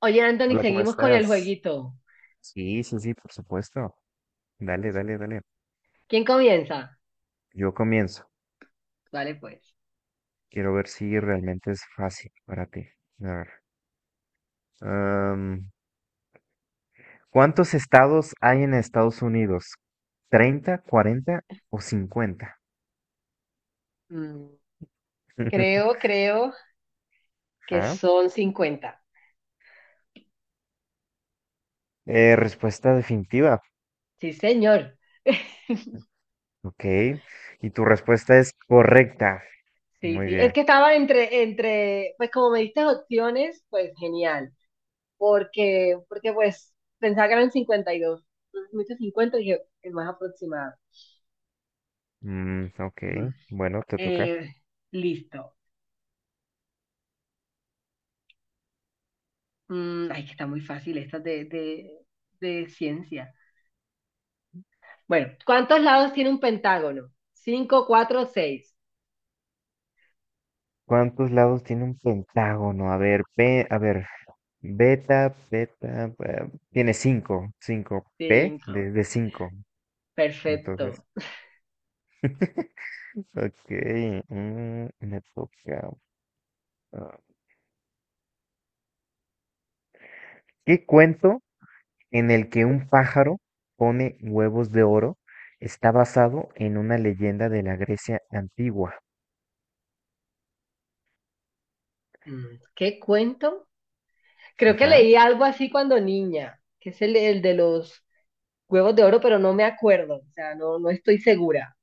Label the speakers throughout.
Speaker 1: Oye, Anthony,
Speaker 2: Hola, ¿cómo
Speaker 1: seguimos con el
Speaker 2: estás?
Speaker 1: jueguito.
Speaker 2: Sí, sí, sí, por supuesto. Dale,
Speaker 1: Entonces,
Speaker 2: dale, dale.
Speaker 1: ¿quién comienza?
Speaker 2: Yo comienzo.
Speaker 1: Vale, pues.
Speaker 2: Quiero ver si realmente es fácil para ti. A ver. am, ¿Cuántos estados hay en Estados Unidos? 30, 40 o cincuenta.
Speaker 1: Mm, creo, creo que
Speaker 2: Ajá.
Speaker 1: son 50.
Speaker 2: Respuesta definitiva.
Speaker 1: Sí, señor.
Speaker 2: Ok. Y tu respuesta es correcta.
Speaker 1: Sí,
Speaker 2: Muy
Speaker 1: sí. Es
Speaker 2: bien.
Speaker 1: que estaba pues como me diste opciones, pues genial. Porque pues pensaba que eran 52. Entonces me hice 50 y dije, el más aproximado.
Speaker 2: Ok.
Speaker 1: Ujú.
Speaker 2: Bueno, te toca.
Speaker 1: Eh, listo. Mm, ay, que está muy fácil esta de ciencia. Bueno, ¿cuántos lados tiene un pentágono? Cinco, cuatro, seis.
Speaker 2: ¿Cuántos lados tiene un pentágono? A ver, P, a ver, beta, beta, tiene cinco, cinco, P
Speaker 1: Cinco.
Speaker 2: de cinco. Entonces,
Speaker 1: Perfecto.
Speaker 2: ok, me toca. ah, ¿Qué cuento en el que un pájaro pone huevos de oro está basado en una leyenda de la Grecia antigua?
Speaker 1: Mm, ¿qué cuento? Creo que
Speaker 2: Ajá,
Speaker 1: leí algo así cuando niña, que es el de los huevos de oro, pero no me acuerdo. O sea, no, no estoy segura.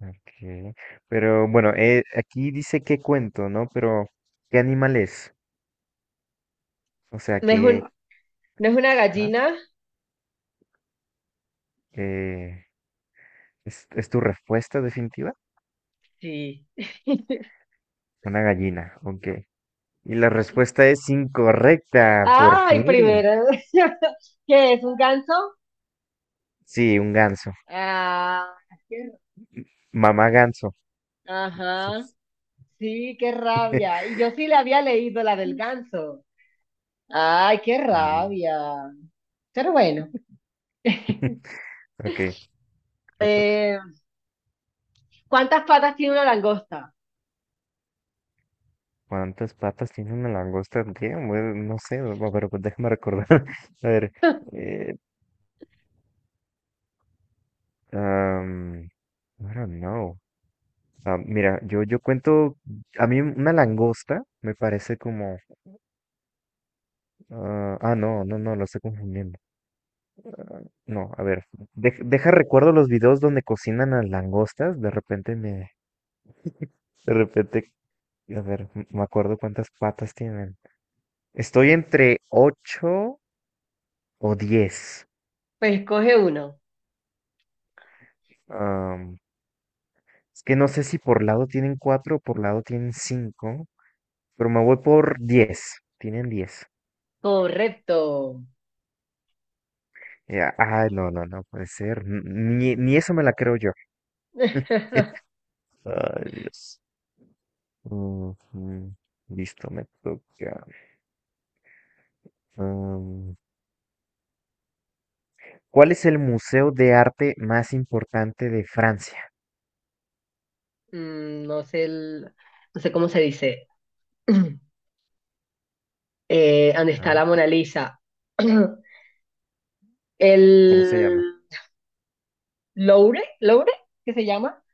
Speaker 2: ok. Pero bueno, aquí dice qué cuento, ¿no? Pero ¿qué animal es? O sea,
Speaker 1: ¿No es
Speaker 2: que...
Speaker 1: un, ¿no es una gallina?
Speaker 2: Eh, es tu respuesta definitiva?
Speaker 1: Sí.
Speaker 2: Una gallina, ok. Y la respuesta es incorrecta, por
Speaker 1: Ay,
Speaker 2: fin.
Speaker 1: primero. ¿Qué es? ¿Un ganso?
Speaker 2: Sí, un ganso.
Speaker 1: Ah, qué-
Speaker 2: Mamá ganso.
Speaker 1: ajá. Sí, qué rabia. Y yo sí la había leído, la del ganso. Ay, qué
Speaker 2: Mm.
Speaker 1: rabia. Pero bueno,
Speaker 2: Ok, te toca.
Speaker 1: eh, ¿cuántas patas tiene una langosta?
Speaker 2: ¿Cuántas patas tiene una langosta? Damn, güey, no sé, va, pero pues déjame recordar. A ver, eh, I don't know. Ah, mira, yo cuento, a mí una langosta me parece como, ah, ah, no, no, no, lo estoy confundiendo. No, a ver, deja recuerdo los videos donde cocinan las langostas, de repente, a ver, me acuerdo cuántas patas tienen. Estoy entre 8 o 10.
Speaker 1: Pues coge uno.
Speaker 2: Am, es que no sé si por lado tienen 4 o por lado tienen 5, pero me voy por diez. Tienen 10.
Speaker 1: Correcto.
Speaker 2: Ya, ay, no, no, no puede ser, ni, ni eso me la creo yo. Ay, Dios. Ujú, listo, me toca. ¿Cuál es el museo de arte más importante de Francia?
Speaker 1: No sé no sé cómo se dice. ¿Dónde está la
Speaker 2: Ah,
Speaker 1: Mona Lisa? El
Speaker 2: ¿cómo se llama?
Speaker 1: Louvre, ¿qué se llama?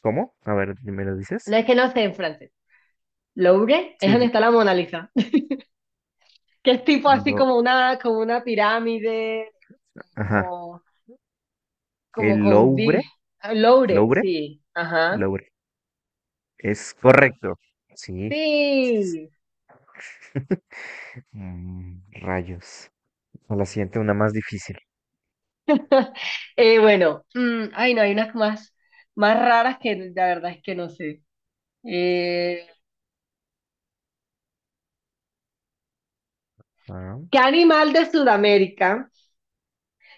Speaker 2: ¿Cómo? A ver, ¿me lo dices?
Speaker 1: No es que no sé en francés. Louvre es
Speaker 2: Sí,
Speaker 1: donde
Speaker 2: sí.
Speaker 1: está la Mona Lisa, que es tipo así
Speaker 2: Lo-
Speaker 1: como como una pirámide,
Speaker 2: ajá.
Speaker 1: como, como
Speaker 2: El
Speaker 1: con
Speaker 2: Louvre,
Speaker 1: di- Louvre,
Speaker 2: Louvre,
Speaker 1: sí, ajá.
Speaker 2: Louvre. Es correcto. Sí.
Speaker 1: Sí.
Speaker 2: Mm, rayos. A la siguiente, una más difícil.
Speaker 1: Bueno, ay no, hay unas más raras que la verdad es que no sé. Eh,
Speaker 2: Ah,
Speaker 1: ¿Qué animal de Sudamérica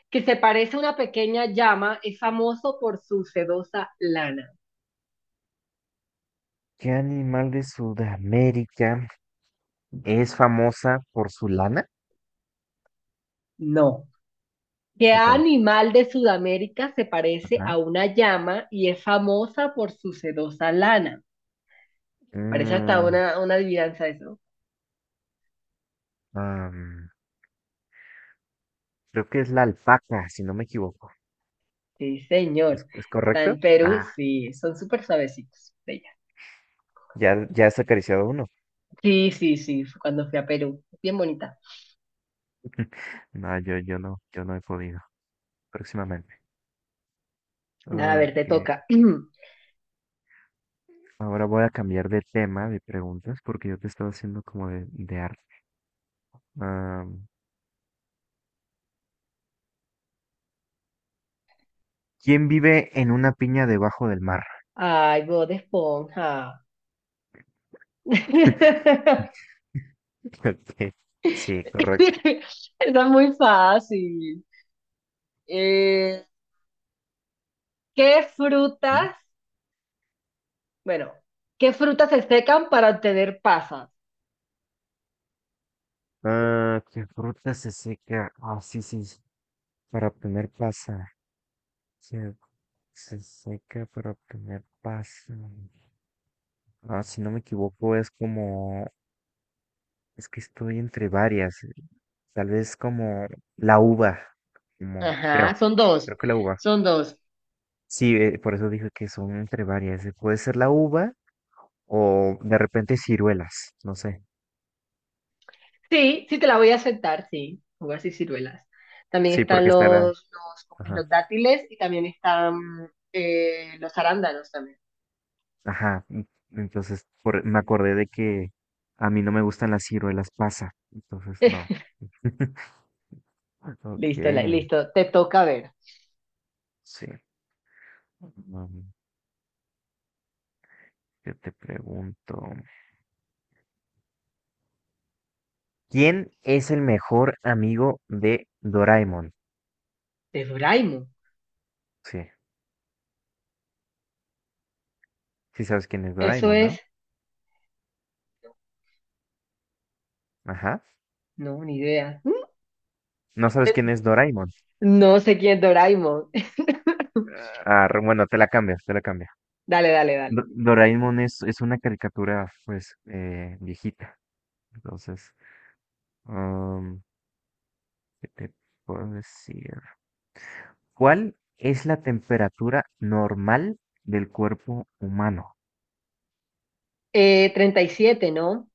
Speaker 1: que se parece a una pequeña llama es famoso por su sedosa lana?
Speaker 2: ¿qué animal de Sudamérica es famosa por su lana?
Speaker 1: No. ¿Qué
Speaker 2: ¿O cómo?
Speaker 1: animal de Sudamérica se parece
Speaker 2: Ajá.
Speaker 1: a una llama y es famosa por su sedosa lana? Parece hasta
Speaker 2: Mm,
Speaker 1: una adivinanza eso.
Speaker 2: am, creo que es la alpaca, si no me equivoco.
Speaker 1: Sí, señor.
Speaker 2: Es
Speaker 1: Está
Speaker 2: correcto?
Speaker 1: en Perú,
Speaker 2: Ah,
Speaker 1: sí, son súper suavecitos.
Speaker 2: ya, ya has acariciado uno.
Speaker 1: Sí, sí, sí, fue cuando fui a Perú. Bien bonita.
Speaker 2: No, yo no he podido. Próximamente.
Speaker 1: A ver, te
Speaker 2: Ok,
Speaker 1: toca.
Speaker 2: ahora voy a cambiar de tema de preguntas porque yo te estaba haciendo como de arte. Ah, ¿Quién vive en una piña debajo del mar?
Speaker 1: Ay, Bob Esponja.
Speaker 2: Ok, sí, correcto,
Speaker 1: Está muy fácil. Eh, ¿qué frutas,
Speaker 2: ¿no?
Speaker 1: bueno, qué frutas se secan para obtener pasas?
Speaker 2: Ah, ¿qué fruta se seca? Ah, sí, sí, sí, para obtener pasa. Se, se seca para obtener pasa. Ah, si no me equivoco, es como... Es que estoy entre varias. Tal vez como la uva, como
Speaker 1: Ajá, son dos,
Speaker 2: creo que la uva.
Speaker 1: son dos.
Speaker 2: Sí, por eso dije que son entre varias. Puede ser la uva o de repente ciruelas, no sé.
Speaker 1: Sí, sí te la voy a aceptar, sí. Uvas y ciruelas. También
Speaker 2: Sí,
Speaker 1: están
Speaker 2: porque está la...
Speaker 1: ¿cómo es?
Speaker 2: Ajá,
Speaker 1: Los dátiles y también están los arándanos también.
Speaker 2: ajá. Entonces, me acordé de que a mí no me gustan las ciruelas pasa. Entonces, no. Ok,
Speaker 1: Listo, listo. Te toca ver.
Speaker 2: sí. Mm, yo te pregunto, ¿quién es el mejor amigo de Doraemon?
Speaker 1: De Doraemon.
Speaker 2: Sí. ¿Sí sabes quién es
Speaker 1: Eso
Speaker 2: Doraemon, no?
Speaker 1: es.
Speaker 2: Ajá.
Speaker 1: No, ni idea.
Speaker 2: No sabes quién
Speaker 1: Eh,
Speaker 2: es Doraemon.
Speaker 1: no sé quién es Doraemon.
Speaker 2: Ah, bueno, te la cambio.
Speaker 1: Dale, dale, dale.
Speaker 2: Doraemon es una caricatura, pues, viejita. Entonces, um, ¿qué te puedo decir? ¿Cuál es la temperatura normal del cuerpo humano?
Speaker 1: 37, ¿no?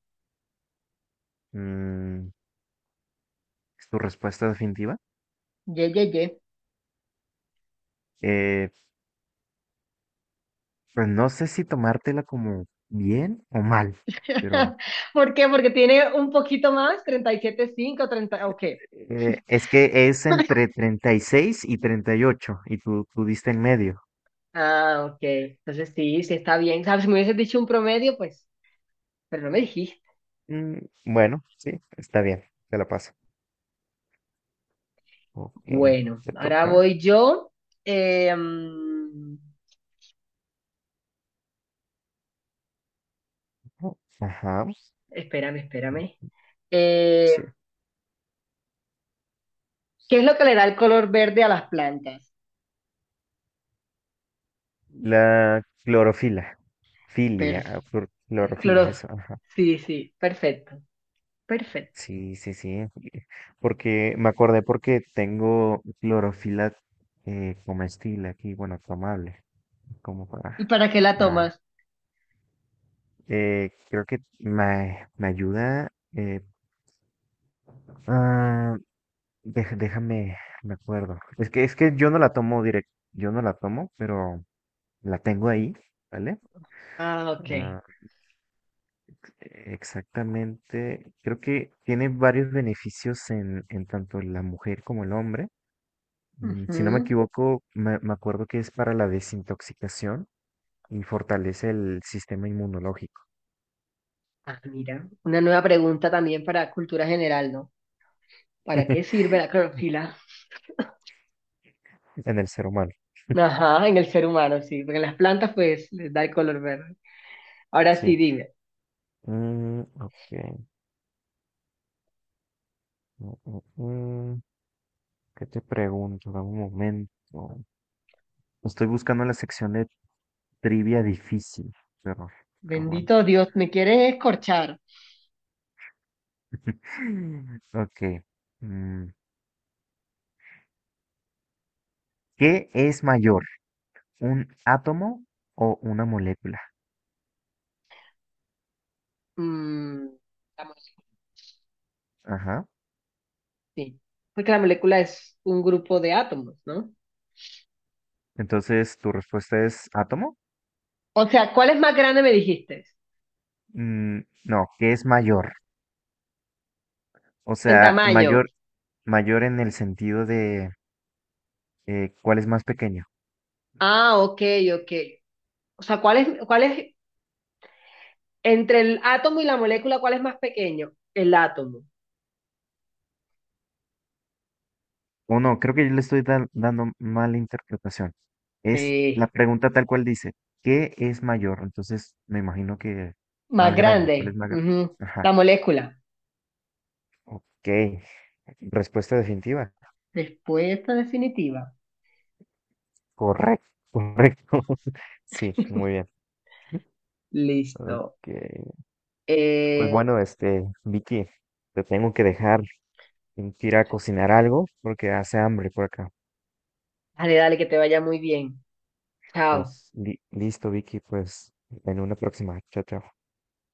Speaker 2: Mm, ¿es tu respuesta definitiva?
Speaker 1: Ye, ye, ye.
Speaker 2: Eh, pues no sé si tomártela como bien o mal, pero...
Speaker 1: ¿Por qué? Porque tiene un poquito más. 37,5, 30. Ok.
Speaker 2: Es que es entre treinta y ocho, y tú diste en medio.
Speaker 1: Ah, ok. Entonces sí, sí está bien. ¿Sabes? Si me hubieses dicho un promedio, pues. Pero no me dijiste.
Speaker 2: Mm, bueno, sí, está bien, te la paso. Ok,
Speaker 1: Bueno,
Speaker 2: te
Speaker 1: ahora
Speaker 2: toca.
Speaker 1: voy yo. Eh, mm,
Speaker 2: Oh, ajá,
Speaker 1: espérame. Eh,
Speaker 2: sí.
Speaker 1: ¿Qué es lo que le da el color verde a las plantas?
Speaker 2: La clorofila. Filia,
Speaker 1: Per-
Speaker 2: ah, clorofila,
Speaker 1: cloro-
Speaker 2: eso, ajá.
Speaker 1: Sí, sí, perfecto.
Speaker 2: Sí, sí, sí. Porque me acordé porque tengo clorofila comestible aquí, bueno, tomable, como
Speaker 1: ¿Y para qué la
Speaker 2: para,
Speaker 1: tomas?
Speaker 2: creo que me ayuda ah, déjame, me acuerdo. Es que yo no la tomo directo, yo no la tomo, pero la tengo ahí, ¿vale?
Speaker 1: Ah, ok.
Speaker 2: Ah, exactamente. Creo que tiene varios beneficios en tanto la mujer como el hombre. Mm, si no me
Speaker 1: Ujú.
Speaker 2: equivoco, me acuerdo que es para la desintoxicación y fortalece el sistema inmunológico
Speaker 1: Ah, mira, una nueva pregunta también para cultura general, ¿no? ¿Para qué sirve la clorofila?
Speaker 2: en el ser humano.
Speaker 1: Ajá, en el ser humano, sí, porque en las plantas pues les da el color verde. Ahora sí,
Speaker 2: Sí.
Speaker 1: dime,
Speaker 2: Mm, ok. Mm, mm, mm. ¿Qué te pregunto? Dame un momento. Estoy buscando la sección de trivia difícil. Qué horror, pero bueno.
Speaker 1: bendito Dios, ¿me quieres escorchar?
Speaker 2: Ok. mm, ¿Qué es mayor? ¿Un átomo o una molécula?
Speaker 1: Mm, la mo-
Speaker 2: Ajá.
Speaker 1: sí, porque la molécula es un grupo de átomos, ¿no?
Speaker 2: Entonces, ¿tu respuesta es átomo?
Speaker 1: O sea, ¿cuál es más grande me dijiste?
Speaker 2: Mm, no, ¿qué es mayor? O
Speaker 1: En
Speaker 2: sea,
Speaker 1: tamaño.
Speaker 2: mayor en el sentido de ¿cuál es más pequeño?
Speaker 1: Ah, ok. O sea, entre el átomo y la molécula, ¿cuál es más pequeño? El átomo.
Speaker 2: O no, creo que yo le estoy dando mala interpretación. Es la
Speaker 1: Sí.
Speaker 2: pregunta tal cual dice, ¿qué es mayor? Entonces me imagino que
Speaker 1: Más
Speaker 2: más grande, ¿cuál es
Speaker 1: grande.
Speaker 2: más grande?
Speaker 1: Ujú. La
Speaker 2: Ajá,
Speaker 1: molécula.
Speaker 2: ok, respuesta definitiva.
Speaker 1: Respuesta definitiva.
Speaker 2: Correcto, correcto. Sí, muy bien.
Speaker 1: Listo.
Speaker 2: Ok, pues
Speaker 1: Eh,
Speaker 2: bueno, este, Vicky, te tengo que dejar, tengo que ir a cocinar algo porque hace hambre por acá.
Speaker 1: dale, dale, que te vaya muy bien. Chao.
Speaker 2: Pues listo, Vicky, pues en una próxima. Chao, chao.